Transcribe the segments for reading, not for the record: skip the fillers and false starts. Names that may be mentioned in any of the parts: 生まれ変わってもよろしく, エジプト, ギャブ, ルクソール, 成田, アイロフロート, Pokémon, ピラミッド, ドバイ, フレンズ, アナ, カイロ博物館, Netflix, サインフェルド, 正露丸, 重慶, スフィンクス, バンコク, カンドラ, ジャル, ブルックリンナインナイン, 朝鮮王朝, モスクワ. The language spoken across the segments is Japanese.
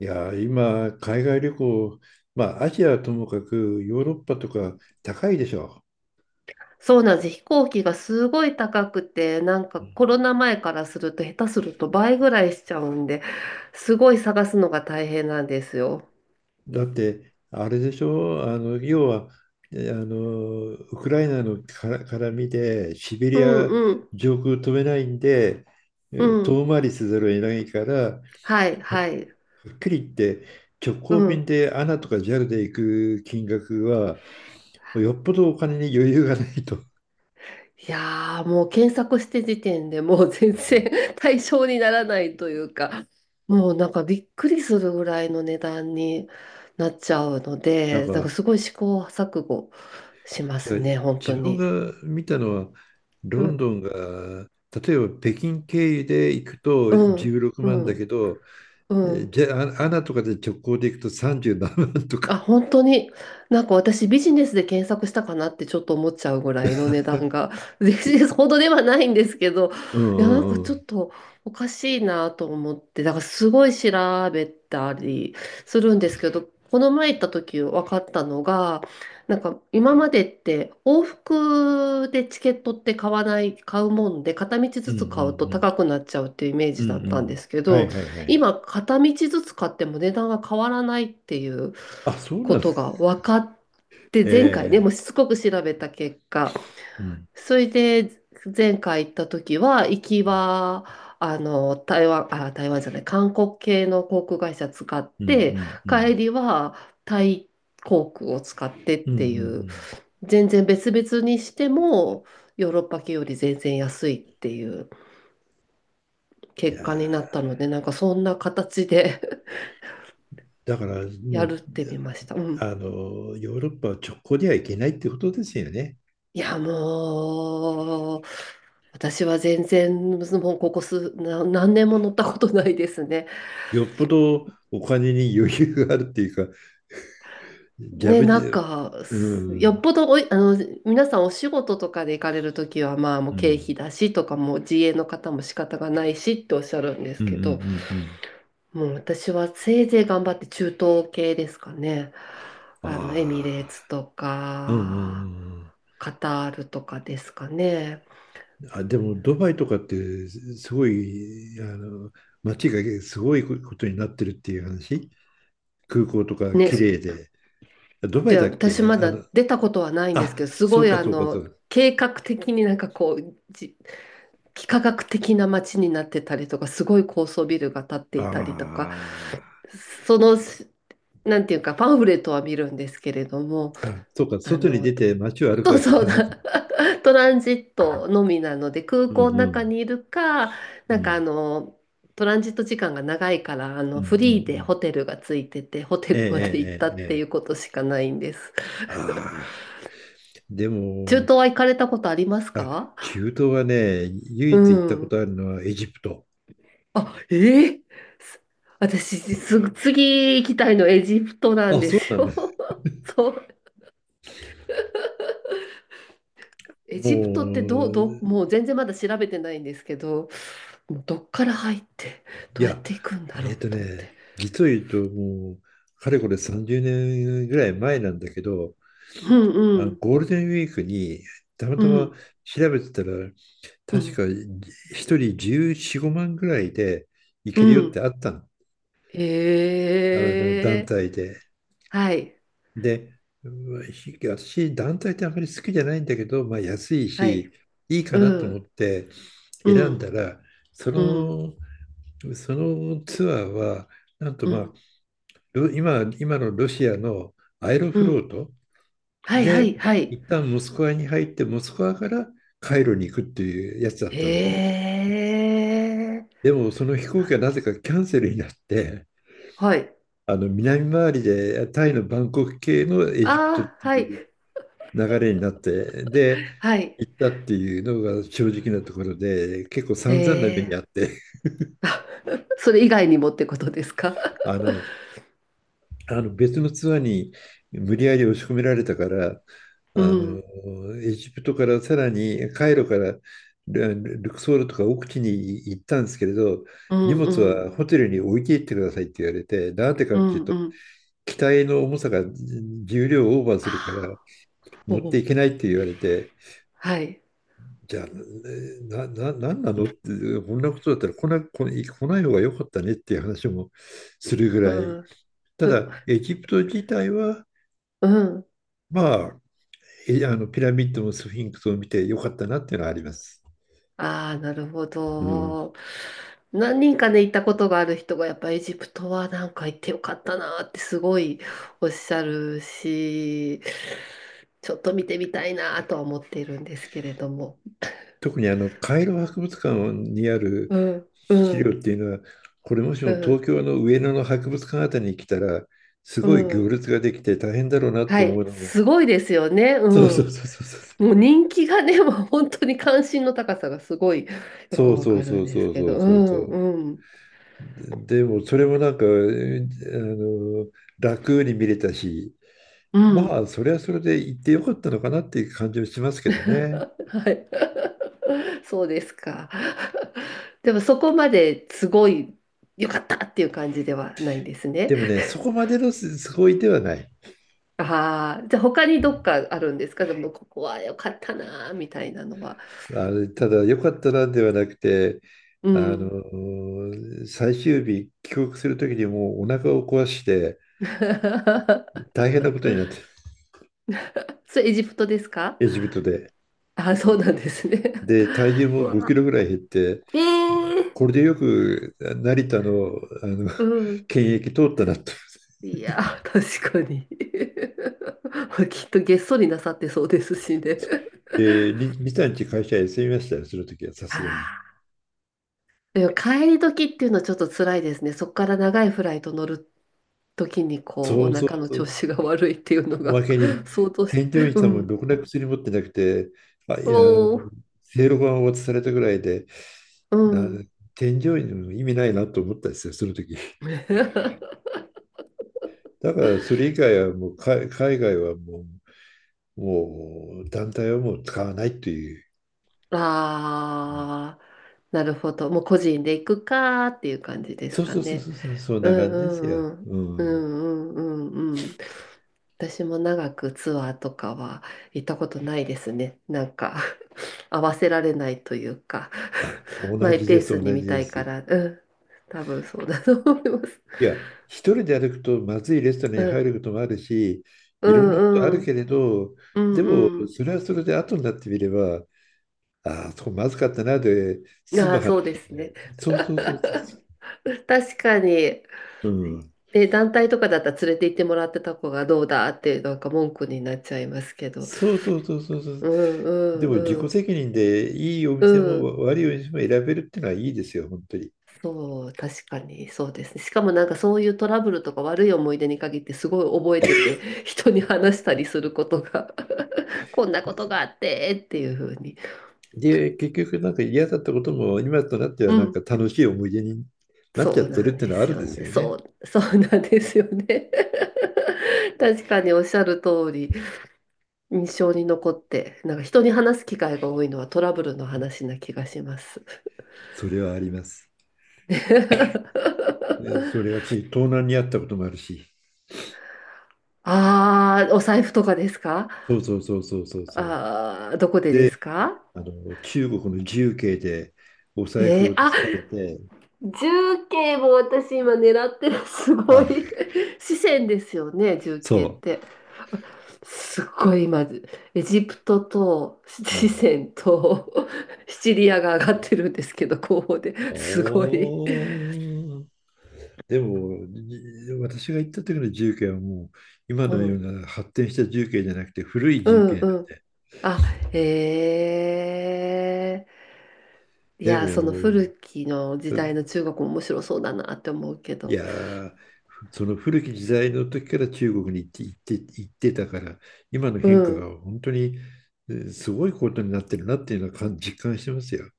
いやー、今、海外旅行、まあ、アジアはともかく、ヨーロッパとか高いでしょ。そうなんです。飛行機がすごい高くて、なんかコロナ前からすると下手すると倍ぐらいしちゃうんで、すごい探すのが大変なんですよ。だって、あれでしょ、あの要は、えあのウクライナのから絡みで、シベうリんアうん上空飛べないんで、うん。遠回りせざるを得ないから、ははいはい。っきり言って、直行う便ん。でアナとかジャルで行く金額は、よっぽどお金に余裕がないと。いやー、もう検索して時点でもう全然 対象にならないというか、もうなんかびっくりするぐらいの値段になっちゃうのなんで、なんかかすごい試行錯誤しまいすや、ね、本当自分に。が見たのは、ロンう、ドンが、例えば北京経由で行くとうん、16う万だけん、ど、うん。じゃあ、アナとかで直行で行くと37万とあ、か。本当に？なんか私ビジネスで検索したかなってちょっと思っちゃうぐらいの値段が、ビジネスほどではないんですけど、うんいや、なんうかんちうょっん。とおかしいなと思って、だからすごい調べたりするんですけど、この前行った時分かったのが、なんか今までって往復でチケットって買わない、買うもんで、片道うずんうつ買うとん高くなっちゃうっていうイメーうジん。だうっんうたんでん。すけはど、いはいはい。今、片道ずつ買っても値段が変わらないっていうあ、そうこなんで、とが分かって、前回ね、もええ、うしつこく調べた結果、うんそれで前回行った時は、行きは、台湾、あ、台湾じゃない、韓国系の航空会社使っうんうて、んう帰ん。りはタイ航空を使ってっうんうんうていう、ん。全然別々にしても、ヨーロッパ系より全然安いっていうい結やー、果になったので、なんかそんな形でだからもやう、るってみました。うん。あの、ヨーロッパは直行では行けないってことですよね。いや、もう、私は全然、もうここ数、何年も乗ったことないですね。よっぽどお金に余裕があるっていうか、ギャね、ブなんで、か、うん。うすよん。っぽどおい、皆さんお仕事とかで行かれるときは、まあ、もうう経費んだしとか、もう自営の方も仕方がないしっておっしゃるんでうすんうんけど、うん。もう私はせいぜい頑張って中東系ですかね。あエミレーあ、ツとうんか、うんカタールとかですかね。うん、あ。でもドバイとかってすごい、あの、街がすごいことになってるっていう話、空港とかね、綺麗で。ドバイで、だっ私け、まあだの、出たことはないんですあ、けど、すそごういかそうかそう。計画的になんかこう、幾何学的な街になってたりとか、すごい高層ビルが建っていたりとか、あその、なんていうか、パンフレットは見るんですけれども、あ。あ、そうか、あ外に出の、て街を歩 くそうわけじそうゃないか。だ、トランジットのみなので、空うんう港の中んにいるか、うなんかんトランジット時間が長いから、うんうんうフリーでん。ホテルがついてて、ホテええルまで行ったえええっえ。ていえうえ、ことしかないんです。ああ。で中も、東は行かれたことありますあ、か？中東はね、唯う一行ったことん。あるのはエジプト。あ、ええ、す私、次行きたいのエジプトなんあ、でそうすなんでよ。す。そう。エもジプトってどう、う、もう全然まだ調べてないんですけど、もうどっから入って、いどうやっや、て行くんだろうと思って。実を言うと、もう、かれこれ30年ぐらい前なんだけど、うんあうのん、ゴールデンウィークに、たまうたまん、調べてたら、う確かん、1人14、5万ぐらいで行うけるよってん。あったの。あの団ええ、体で。はい、で、うん、私、団体ってあんまり好きじゃないんだけど、まあ、安いはい、し、いいかうなと思ん、ってう選んん、だら、そうん、の、そのツアーは、なんとうまあ、ん、今のロシアのアイロうフロん。ートはい、はで、い、はい。一旦モスクワに入って、モスクワからカイロに行くっていうやつだったんでね。えでも、その飛え、行機あ、はなぜかキャンセルになって、はい。あの南回りでタイのバンコク系のエジプトっあてあ、はい。いう流れになって、で、はい。行ったっていうのが正直なところで、結構え散々な目にあっえ。て、あ、 それ以外にもってことですか？ あの、別のツアーに無理やり押し込められたから、あうん。の、エジプトからさらにカイロからルルクソールとか奥地に行ったんですけれど、う荷ん、物うん。はホテルに置いていってくださいって言われて、なんでかうっていうん、と、うん。機体の重さが重量をオーバーするからああ、お持っていお。けないって言われて、はい。じゃあ、なんなのって、こんなことだったら来ない方が良かったねっていう話もするぐうらい。ん。たう、だ、エジプト自体は、うん。まあ、えあのピラミッドもスフィンクスを見て良かったなっていうのはあります。ああ、なるほうん、ど。何人かね、行ったことがある人が、やっぱエジプトはなんか行ってよかったなってすごいおっしゃるし、ちょっと見てみたいなとは思っているんですけれども。特にあのカイロ博物館にあるうん、資う料ん、っていうのは、これもしうも東ん、京の上野の博物館あたりに来たら、すうごい行ん。列ができて大変だろうなはと思い、うのも、すごいですよね。うそうそうん。そうそうそう。もう人気がね、もう本当に関心の高さがすごいよくそうわそうかるそんうでそすうけそど、ううそうそん、う。うん、でもそれもなんか、えあの、楽に見れたし、うまん。あそれはそれで行ってよかったのかなっていう感じはしますけどね。はい。そうですか。でもそこまですごい良かったっていう感じではないんですね。でもね、そこまでのすごいではない。ああ、じゃあ他にどっかあるんですか？でもここは良かったなーみたいなのは。あの、ただよかったなではなくて、うあん。の、最終日帰国する時にもうお腹を壊して 大変なことになって、それエジプトですか？エジプトで。ああ、そうなんですね。で、体重も5キロぐらい減って、これでよく成田の、あの うん。検疫通ったなと。いやー、確かに。きっとげっそりなさってそうですしね。で、リ、リサ会社休みましたよ、その時はさすがに。あら。でも帰り時っていうのはちょっと辛いですね。そこから長いフライト乗る時にこう、そおうそ腹うのそう。調子が悪いっていうのおまが けに、相当し、添乗員さうんもん。ろくな薬持ってなくて、まあ、いや、おー、正露丸を渡されたぐらいで、うな、ん。添乗員の意味ないなと思ったんですよ、その時。だから、それ以外はもう、海外はもう、団体はもう使わないという。ああ、なるほど。もう個人で行くかーっていう感じでそすうかそうそうそね。う、そう、そんうな感じですよ。んうんううん。んうんうんうんうん。私も長くツアーとかは行ったことないですね。なんか 合わせられないというか あ、同マイじペでーす、ス同に見じたでいかす。ら、うん、多分そうだと思います。いや、一人で歩くとまずいレストランうに入ん、ることもあるし、ういろんなことあんるうけんれど、うでもんうそれはそれで後になってみれば、ああ、そこまずかったなでん。済ああむー、話そうでね。すね。そうそうそうそうそ 確かに。う。うん。で、団体とかだったら連れて行ってもらってた子がどうだってなんか文句になっちゃいますけど。そうそうそうそうそう。うんうでんも自う己ん責任でいいおう店ん。も悪いお店も選べるっていうのはいいですよ、本当に。そう、確かにそうですね。しかもなんかそういうトラブルとか悪い思い出に限ってすごい覚えてて、人に話したりすることが こんなことがあってっていうふうに。で、結局なんか嫌だったことも今となってうはなんかん、楽しい思い出になっそちゃっうてるなっんていうでのはあするんよですね。よそね。う、そうなんですよね。確かにおっしゃる通り、印象に残って、なんか人に話す機会が多いのはトラブルの話な気がします。それはあります。で、 それはし、東南にあったこともあるし、ああ、お財布とかですか？そうそうそうそうそうそう、ああー、どこでですか？あの中国の重慶でお財布えー、を盗あ、まれて、重慶も私今狙ってる。すごい。あ、四川ですよね、重慶っそて。すごい今、エジプトとう、う四ん。川とシチリアが上がってるんですけど、候補で。すごい。おー、でも、私が行った時の重慶はもう、今うのようん、な発展した重慶じゃなくて、古いう重慶ん、なんうん。で、あ、えー。いでや、そのも、古きの時代の中国も面白そうだなって思うけいど。やー、その古き時代の時から中国に行ってたから、今のう変化ん。が本当にすごいことになってるなっていうのは実感してますよ。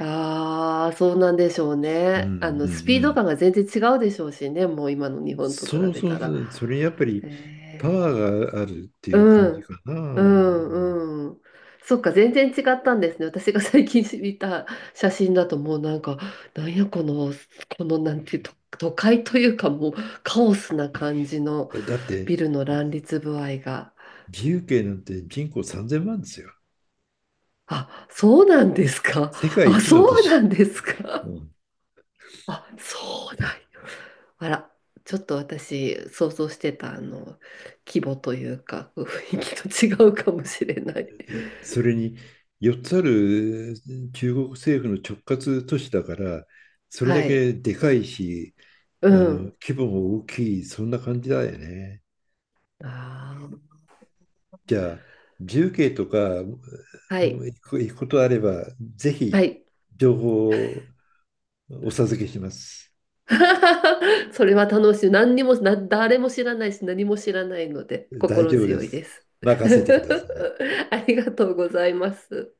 ああ、そうなんでしょううんうんね。うスピードん、感が全然違うでしょうしね、もう今の日本と比そうべそたうそら。う、それやっぱりパえワーがあるってー、いうう感じん、かな。ううん、ん、うん。そっか、全然違ったんですね。私が最近見た写真だともうなんか、なんやこの、このなんていうと、都会というかもうカオスな感じのだって、ビルの乱立具合が。自由形なんて人口3000万ですよ。あ、そうなんですか。世界あ、一のそ都うな市。んですうか。ん。あ、そうなんや。あら、ちょっと私、想像してた、規模というか、雰囲気と違うかもしれない。それに4つある中国政府の直轄都市だから、それはだい。けでかいし、うあのん。規模も大きい、そんな感じだよね。あー、じゃあ重慶とか、はもい。う行くことあれば、ぜはひい。情報をお授けします。それは楽しい。何にも、誰も知らないし、何も知らないので、大心丈夫で強いす。です。任せてください。ありがとうございます。